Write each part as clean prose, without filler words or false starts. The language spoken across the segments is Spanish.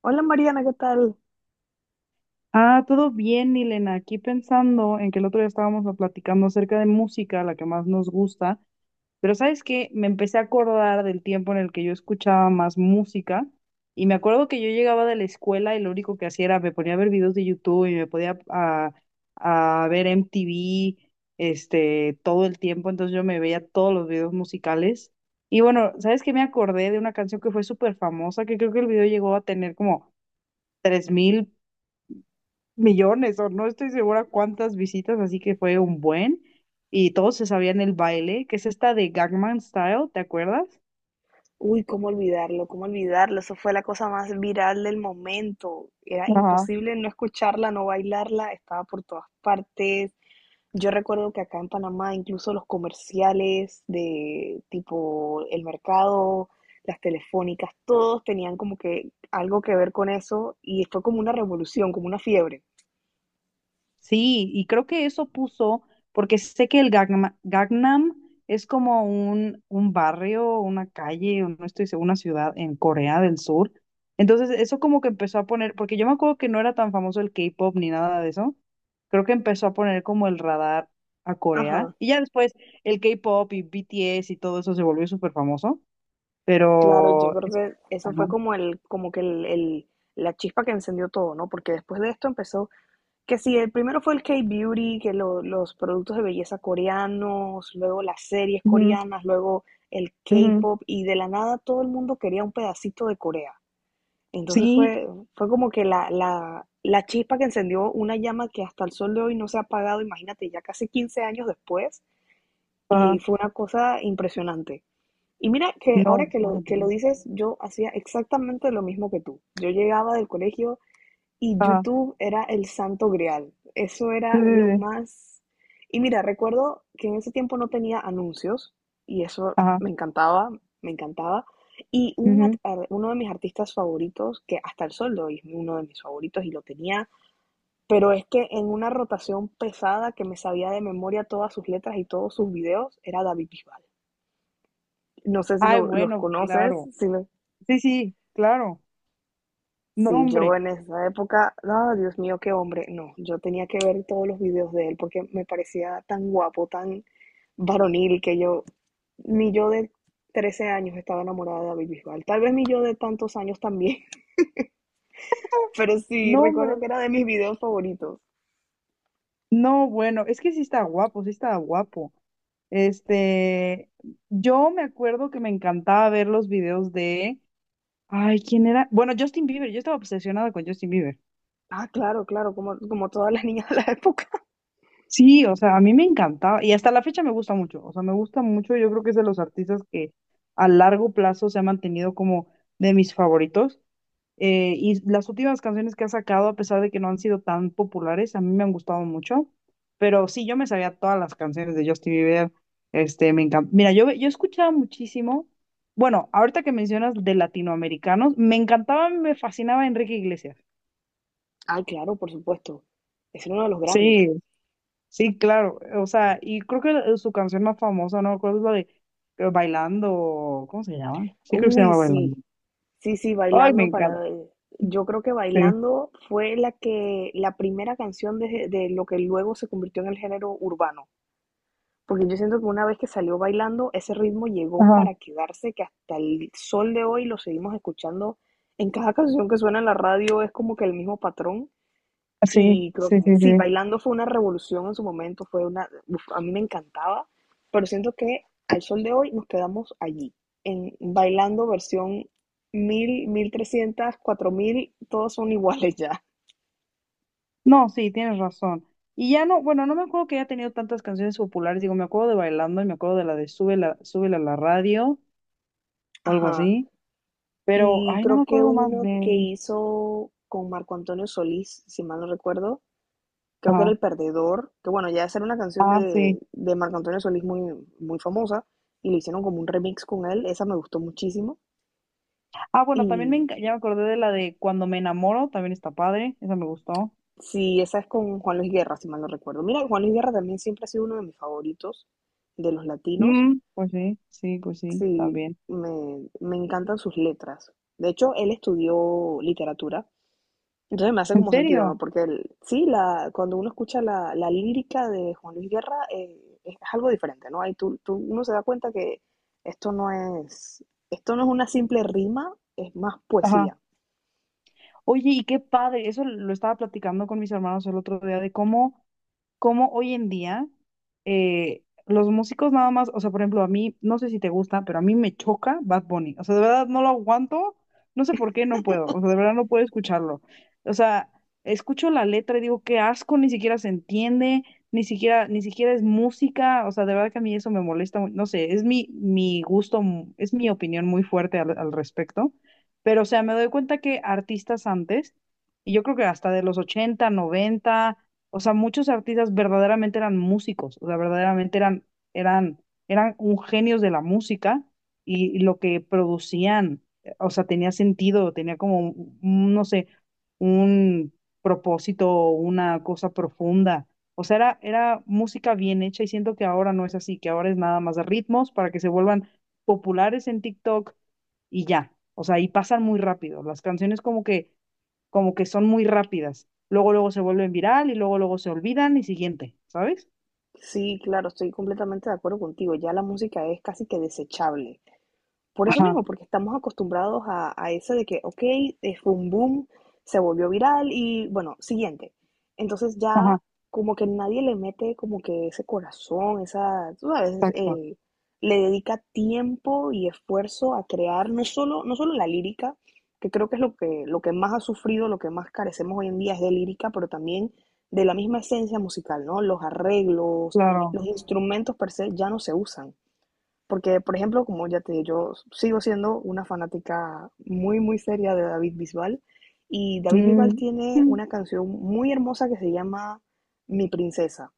Hola Mariana, ¿qué tal? Ah, todo bien, Milena. Aquí pensando en que el otro día estábamos platicando acerca de música, la que más nos gusta, pero ¿sabes qué? Me empecé a acordar del tiempo en el que yo escuchaba más música y me acuerdo que yo llegaba de la escuela y lo único que hacía era me ponía a ver videos de YouTube y me podía a ver MTV , todo el tiempo, entonces yo me veía todos los videos musicales. Y bueno, ¿sabes qué? Me acordé de una canción que fue súper famosa, que creo que el video llegó a tener como 3.000 millones o no estoy segura cuántas visitas, así que fue un buen. Y todos se sabían el baile, que es esta de Gangnam Style, ¿te acuerdas? Uy, cómo olvidarlo, cómo olvidarlo. Eso fue la cosa más viral del momento. Era Ajá. imposible no escucharla, no bailarla. Estaba por todas partes. Yo recuerdo que acá en Panamá, incluso los comerciales de tipo el mercado, las telefónicas, todos tenían como que algo que ver con eso y fue como una revolución, como una fiebre. Sí, y creo que eso puso, porque sé que el Gangnam es como un barrio, una calle, o no estoy segura, una ciudad en Corea del Sur. Entonces, eso como que empezó a poner, porque yo me acuerdo que no era tan famoso el K-pop ni nada de eso. Creo que empezó a poner como el radar a Corea. Ajá, Y ya después el K-pop y BTS y todo eso se volvió súper famoso. claro, yo Pero, creo que eso ajá. fue como el, como que el- la chispa que encendió todo, ¿no? Porque después de esto empezó. Que sí, el primero fue el K-Beauty, que los productos de belleza coreanos, luego las series Ujú, coreanas, luego el ujú. K-pop, y de la nada todo el mundo quería un pedacito de Corea. Entonces Sí, fue como que la chispa que encendió una llama que hasta el sol de hoy no se ha apagado, imagínate, ya casi 15 años después, y ajá. fue una cosa impresionante. Y mira que No, ahora que lo, bueno, que lo dices, yo hacía exactamente lo mismo que tú. Yo llegaba del colegio, y ajá. YouTube era el santo grial. Eso Sí, era sí, lo sí. más... Y mira, recuerdo que en ese tiempo no tenía anuncios y eso Ajá. me encantaba, me encantaba. Y Ujú. Uno de mis artistas favoritos, que hasta el sol de hoy es uno de mis favoritos y lo tenía, pero es que en una rotación pesada que me sabía de memoria todas sus letras y todos sus videos, era David Bisbal. No sé si Ay, lo- los bueno, conoces, claro. si lo- Sí, sí, claro. No, Sí, yo hombre, en esa época, ah, Dios mío, qué hombre. No, yo tenía que ver todos los videos de él porque me parecía tan guapo, tan varonil que yo, ni yo de 13 años estaba enamorada de David Bisbal. Tal vez ni yo de tantos años también, pero sí, no, recuerdo hombre. que era de mis videos favoritos. No, bueno, es que sí está guapo, sí está guapo. Este, yo me acuerdo que me encantaba ver los videos de, ay, ¿quién era? Bueno, Justin Bieber, yo estaba obsesionada con Justin Bieber. Ah, claro, claro, como todas las niñas de la época. Sí, o sea, a mí me encantaba y hasta la fecha me gusta mucho, o sea, me gusta mucho, yo creo que es de los artistas que a largo plazo se ha mantenido como de mis favoritos. Y las últimas canciones que ha sacado, a pesar de que no han sido tan populares, a mí me han gustado mucho. Pero sí, yo me sabía todas las canciones de Justin Bieber. Me encanta. Mira, yo escuchaba muchísimo. Bueno, ahorita que mencionas de latinoamericanos, me encantaba, me fascinaba Enrique Iglesias. Ah, claro, por supuesto. Es uno de los grandes. Sí, sí, claro. O sea, y creo que su canción más famosa, no recuerdo, es la de Bailando, ¿cómo se llama? Sí, creo que se Uy, llama sí. Bailando. Sí, sí, Ay, me Bailando encanta. para Yo creo que Sí. Bailando fue la primera canción de lo que luego se convirtió en el género urbano, porque yo siento que una vez que salió Bailando, ese ritmo llegó Ajá. para quedarse, que hasta el sol de hoy lo seguimos escuchando en cada canción que suena en la radio, es como que el mismo patrón. Y Sí, creo sí, que sí, sí, sí. bailando fue una revolución en su momento, fue una, uf, a mí me encantaba, pero siento que al sol de hoy nos quedamos allí, en bailando versión mil mil trescientas cuatro mil todos son iguales ya. No, sí, tienes razón. Y ya no, bueno, no me acuerdo que haya tenido tantas canciones populares, digo, me acuerdo de Bailando y me acuerdo de la de Súbela, Súbela a la radio o algo Ajá. así, pero, Y ay, no me creo que acuerdo más uno de que él. hizo con Marco Antonio Solís, si mal no recuerdo, creo que era Ah, El Perdedor, que bueno, ya esa era una canción ah, sí. de Marco Antonio Solís muy, muy famosa, y le hicieron como un remix con él, esa me gustó muchísimo. Ah, bueno, también me, Y ya me acordé de la de Cuando me enamoro, también está padre, esa me gustó. Sí, esa es con Juan Luis Guerra, si mal no recuerdo. Mira, Juan Luis Guerra también siempre ha sido uno de mis favoritos de los latinos. Mm, pues sí, sí, pues sí, Sí, también. me encantan sus letras. De hecho, él estudió literatura, entonces me hace ¿En como sentido, serio? ¿no? Porque él, sí, cuando uno escucha la lírica de Juan Luis Guerra, es algo diferente, ¿no? Ahí uno se da cuenta que esto no es, esto no es una simple rima, es más poesía. Oye, y qué padre, eso lo estaba platicando con mis hermanos el otro día, de cómo, cómo hoy en día los músicos nada más, o sea, por ejemplo, a mí, no sé si te gusta, pero a mí me choca Bad Bunny, o sea, de verdad no lo aguanto, no sé por qué no puedo, o sea, de verdad no puedo escucharlo. O sea, escucho la letra y digo, qué asco, ni siquiera se entiende, ni siquiera, ni siquiera es música, o sea, de verdad que a mí eso me molesta, no sé, es mi, mi gusto, es mi opinión muy fuerte al respecto, pero, o sea, me doy cuenta que artistas antes, y yo creo que hasta de los ochenta, noventa, o sea, muchos artistas verdaderamente eran músicos, o sea, verdaderamente eran, eran un genios de la música y lo que producían, o sea, tenía sentido, tenía como, no sé, un propósito, una cosa profunda. O sea, era música bien hecha y siento que ahora no es así, que ahora es nada más de ritmos para que se vuelvan populares en TikTok y ya. O sea, y pasan muy rápido. Las canciones como que son muy rápidas. Luego, luego se vuelven viral y luego, luego se olvidan y siguiente, ¿sabes? Sí, claro, estoy completamente de acuerdo contigo. Ya la música es casi que desechable. Por eso Ajá, mismo, porque estamos acostumbrados a eso de que, ok, fue un boom, se volvió viral y bueno, siguiente. Entonces ajá, ya como que nadie le mete como que ese corazón, esa, tú sabes, le dedica tiempo y esfuerzo a crear no solo, no solo la lírica, que creo que es lo que más ha sufrido, lo que más carecemos hoy en día es de lírica, pero también de la misma esencia musical, ¿no? Los arreglos, claro. los instrumentos per se ya no se usan. Porque, por ejemplo, como ya te dije, yo sigo siendo una fanática muy, muy seria de David Bisbal. Y David Bisbal Mm, tiene mm. una canción muy hermosa que se llama Mi Princesa.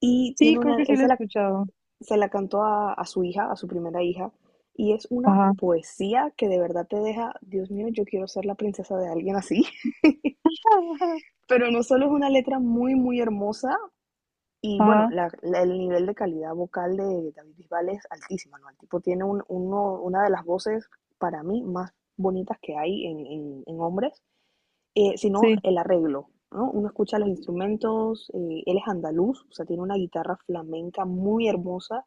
Y Sí, creo que sí él lo he se la, escuchado. se la cantó a su hija, a su primera hija. Y es una Ajá, poesía que de verdad te deja, Dios mío, yo quiero ser la princesa de alguien así. Pero no solo es una letra muy, muy hermosa. Y bueno, ajá, el nivel de calidad vocal de David Bisbal es altísima, ¿no? El tipo tiene una de las voces, para mí, más bonitas que hay en hombres, sino sí, el arreglo, ¿no? Uno escucha los instrumentos, él es andaluz, o sea, tiene una guitarra flamenca muy hermosa,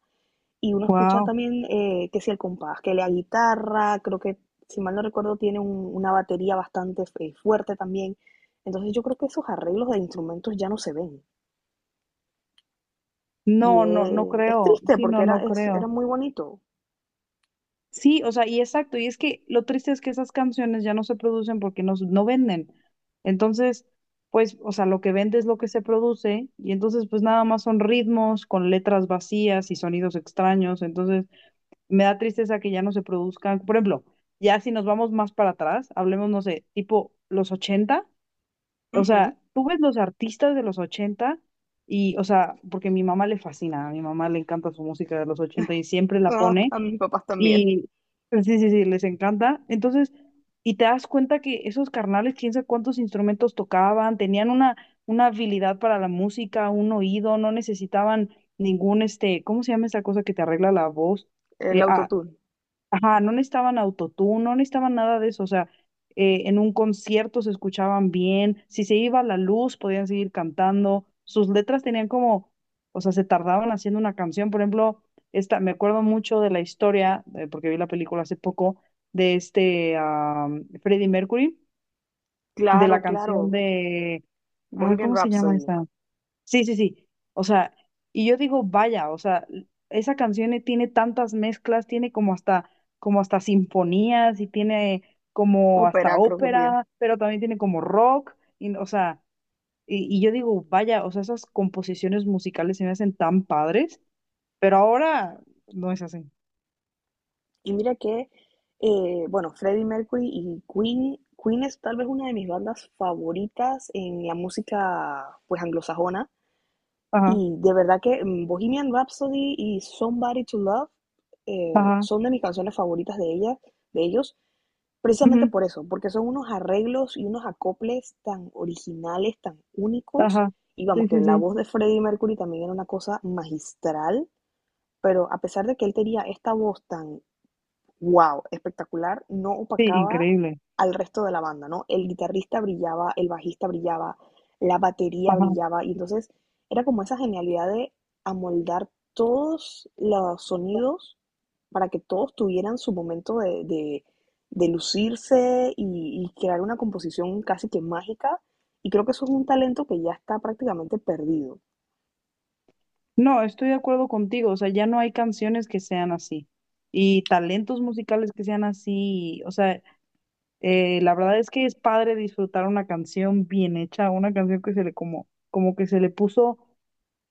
y uno escucha wow. también que si el compás, que la guitarra, creo que, si mal no recuerdo, tiene una batería bastante fuerte también. Entonces yo creo que esos arreglos de instrumentos ya no se ven. Y No, no, no es creo. triste Sí, porque no, era, no es, era creo. muy bonito. Sí, o sea, y exacto, y es que lo triste es que esas canciones ya no se producen porque no, no venden. Entonces, pues, o sea, lo que vende es lo que se produce, y entonces, pues nada más son ritmos con letras vacías y sonidos extraños. Entonces, me da tristeza que ya no se produzcan. Por ejemplo, ya si nos vamos más para atrás, hablemos, no sé, tipo los 80, o Ujú. sea, tú ves los artistas de los 80 y, o sea, porque mi mamá le fascina, a mi mamá le encanta su música de los 80 y siempre la Ah, pone. a mis papás también. Y pues, sí, sí, sí, les encanta. Entonces, y te das cuenta que esos carnales, quién sabe cuántos instrumentos tocaban, tenían una habilidad para la música, un oído, no necesitaban ningún, ¿cómo se llama esa cosa que te arregla la voz? El Eh, ah, autotune. Ajá, no necesitaban autotune, no necesitaban nada de eso, o sea, en un concierto se escuchaban bien, si se iba la luz podían seguir cantando, sus letras tenían como, o sea, se tardaban haciendo una canción, por ejemplo, esta, me acuerdo mucho de la historia, porque vi la película hace poco, de Freddie Mercury, de la Claro, canción claro. de, Bohemian ¿cómo se llama Rhapsody. esa? Sí, sí, sí. O sea, y yo digo, vaya, o sea, esa canción tiene tantas mezclas, tiene como hasta sinfonías y tiene como hasta Ópera creo que tiene. ópera, pero también tiene como rock, y, o sea, y yo digo, vaya, o sea, esas composiciones musicales se me hacen tan padres, pero ahora no es así. Y mira que, bueno, Freddie Mercury y Queen es tal vez una de mis bandas favoritas en la música, pues, anglosajona. Ajá, Y de verdad que Bohemian Rhapsody y Somebody to Love ajá, son de mis canciones favoritas de ella, de ellos. ujú, Precisamente por eso, porque son unos arreglos y unos acoples tan originales, tan únicos. ajá. Y vamos, Sí, que sí, la sí. voz de Freddie Mercury también era una cosa magistral, pero a pesar de que él tenía esta voz tan wow, espectacular, no Sí, opacaba increíble. al resto de la banda, ¿no? El guitarrista brillaba, el bajista brillaba, la batería brillaba, y entonces era como esa genialidad de amoldar todos los sonidos para que todos tuvieran su momento de, de lucirse y crear una composición casi que mágica, y creo que eso es un talento que ya está prácticamente perdido. No, estoy de acuerdo contigo, o sea, ya no hay canciones que sean así y talentos musicales que sean así, o sea, la verdad es que es padre disfrutar una canción bien hecha, una canción que se le como, como que se le puso,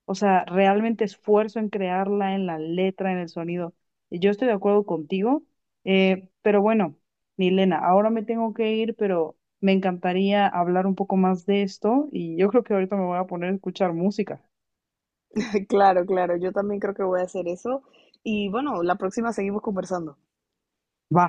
o sea, realmente esfuerzo en crearla, en la letra, en el sonido. Y yo estoy de acuerdo contigo, pero bueno, Milena, ahora me tengo que ir, pero me encantaría hablar un poco más de esto y yo creo que ahorita me voy a poner a escuchar música. Claro, claro, yo también creo que voy a hacer eso, y bueno, la próxima seguimos conversando. Va.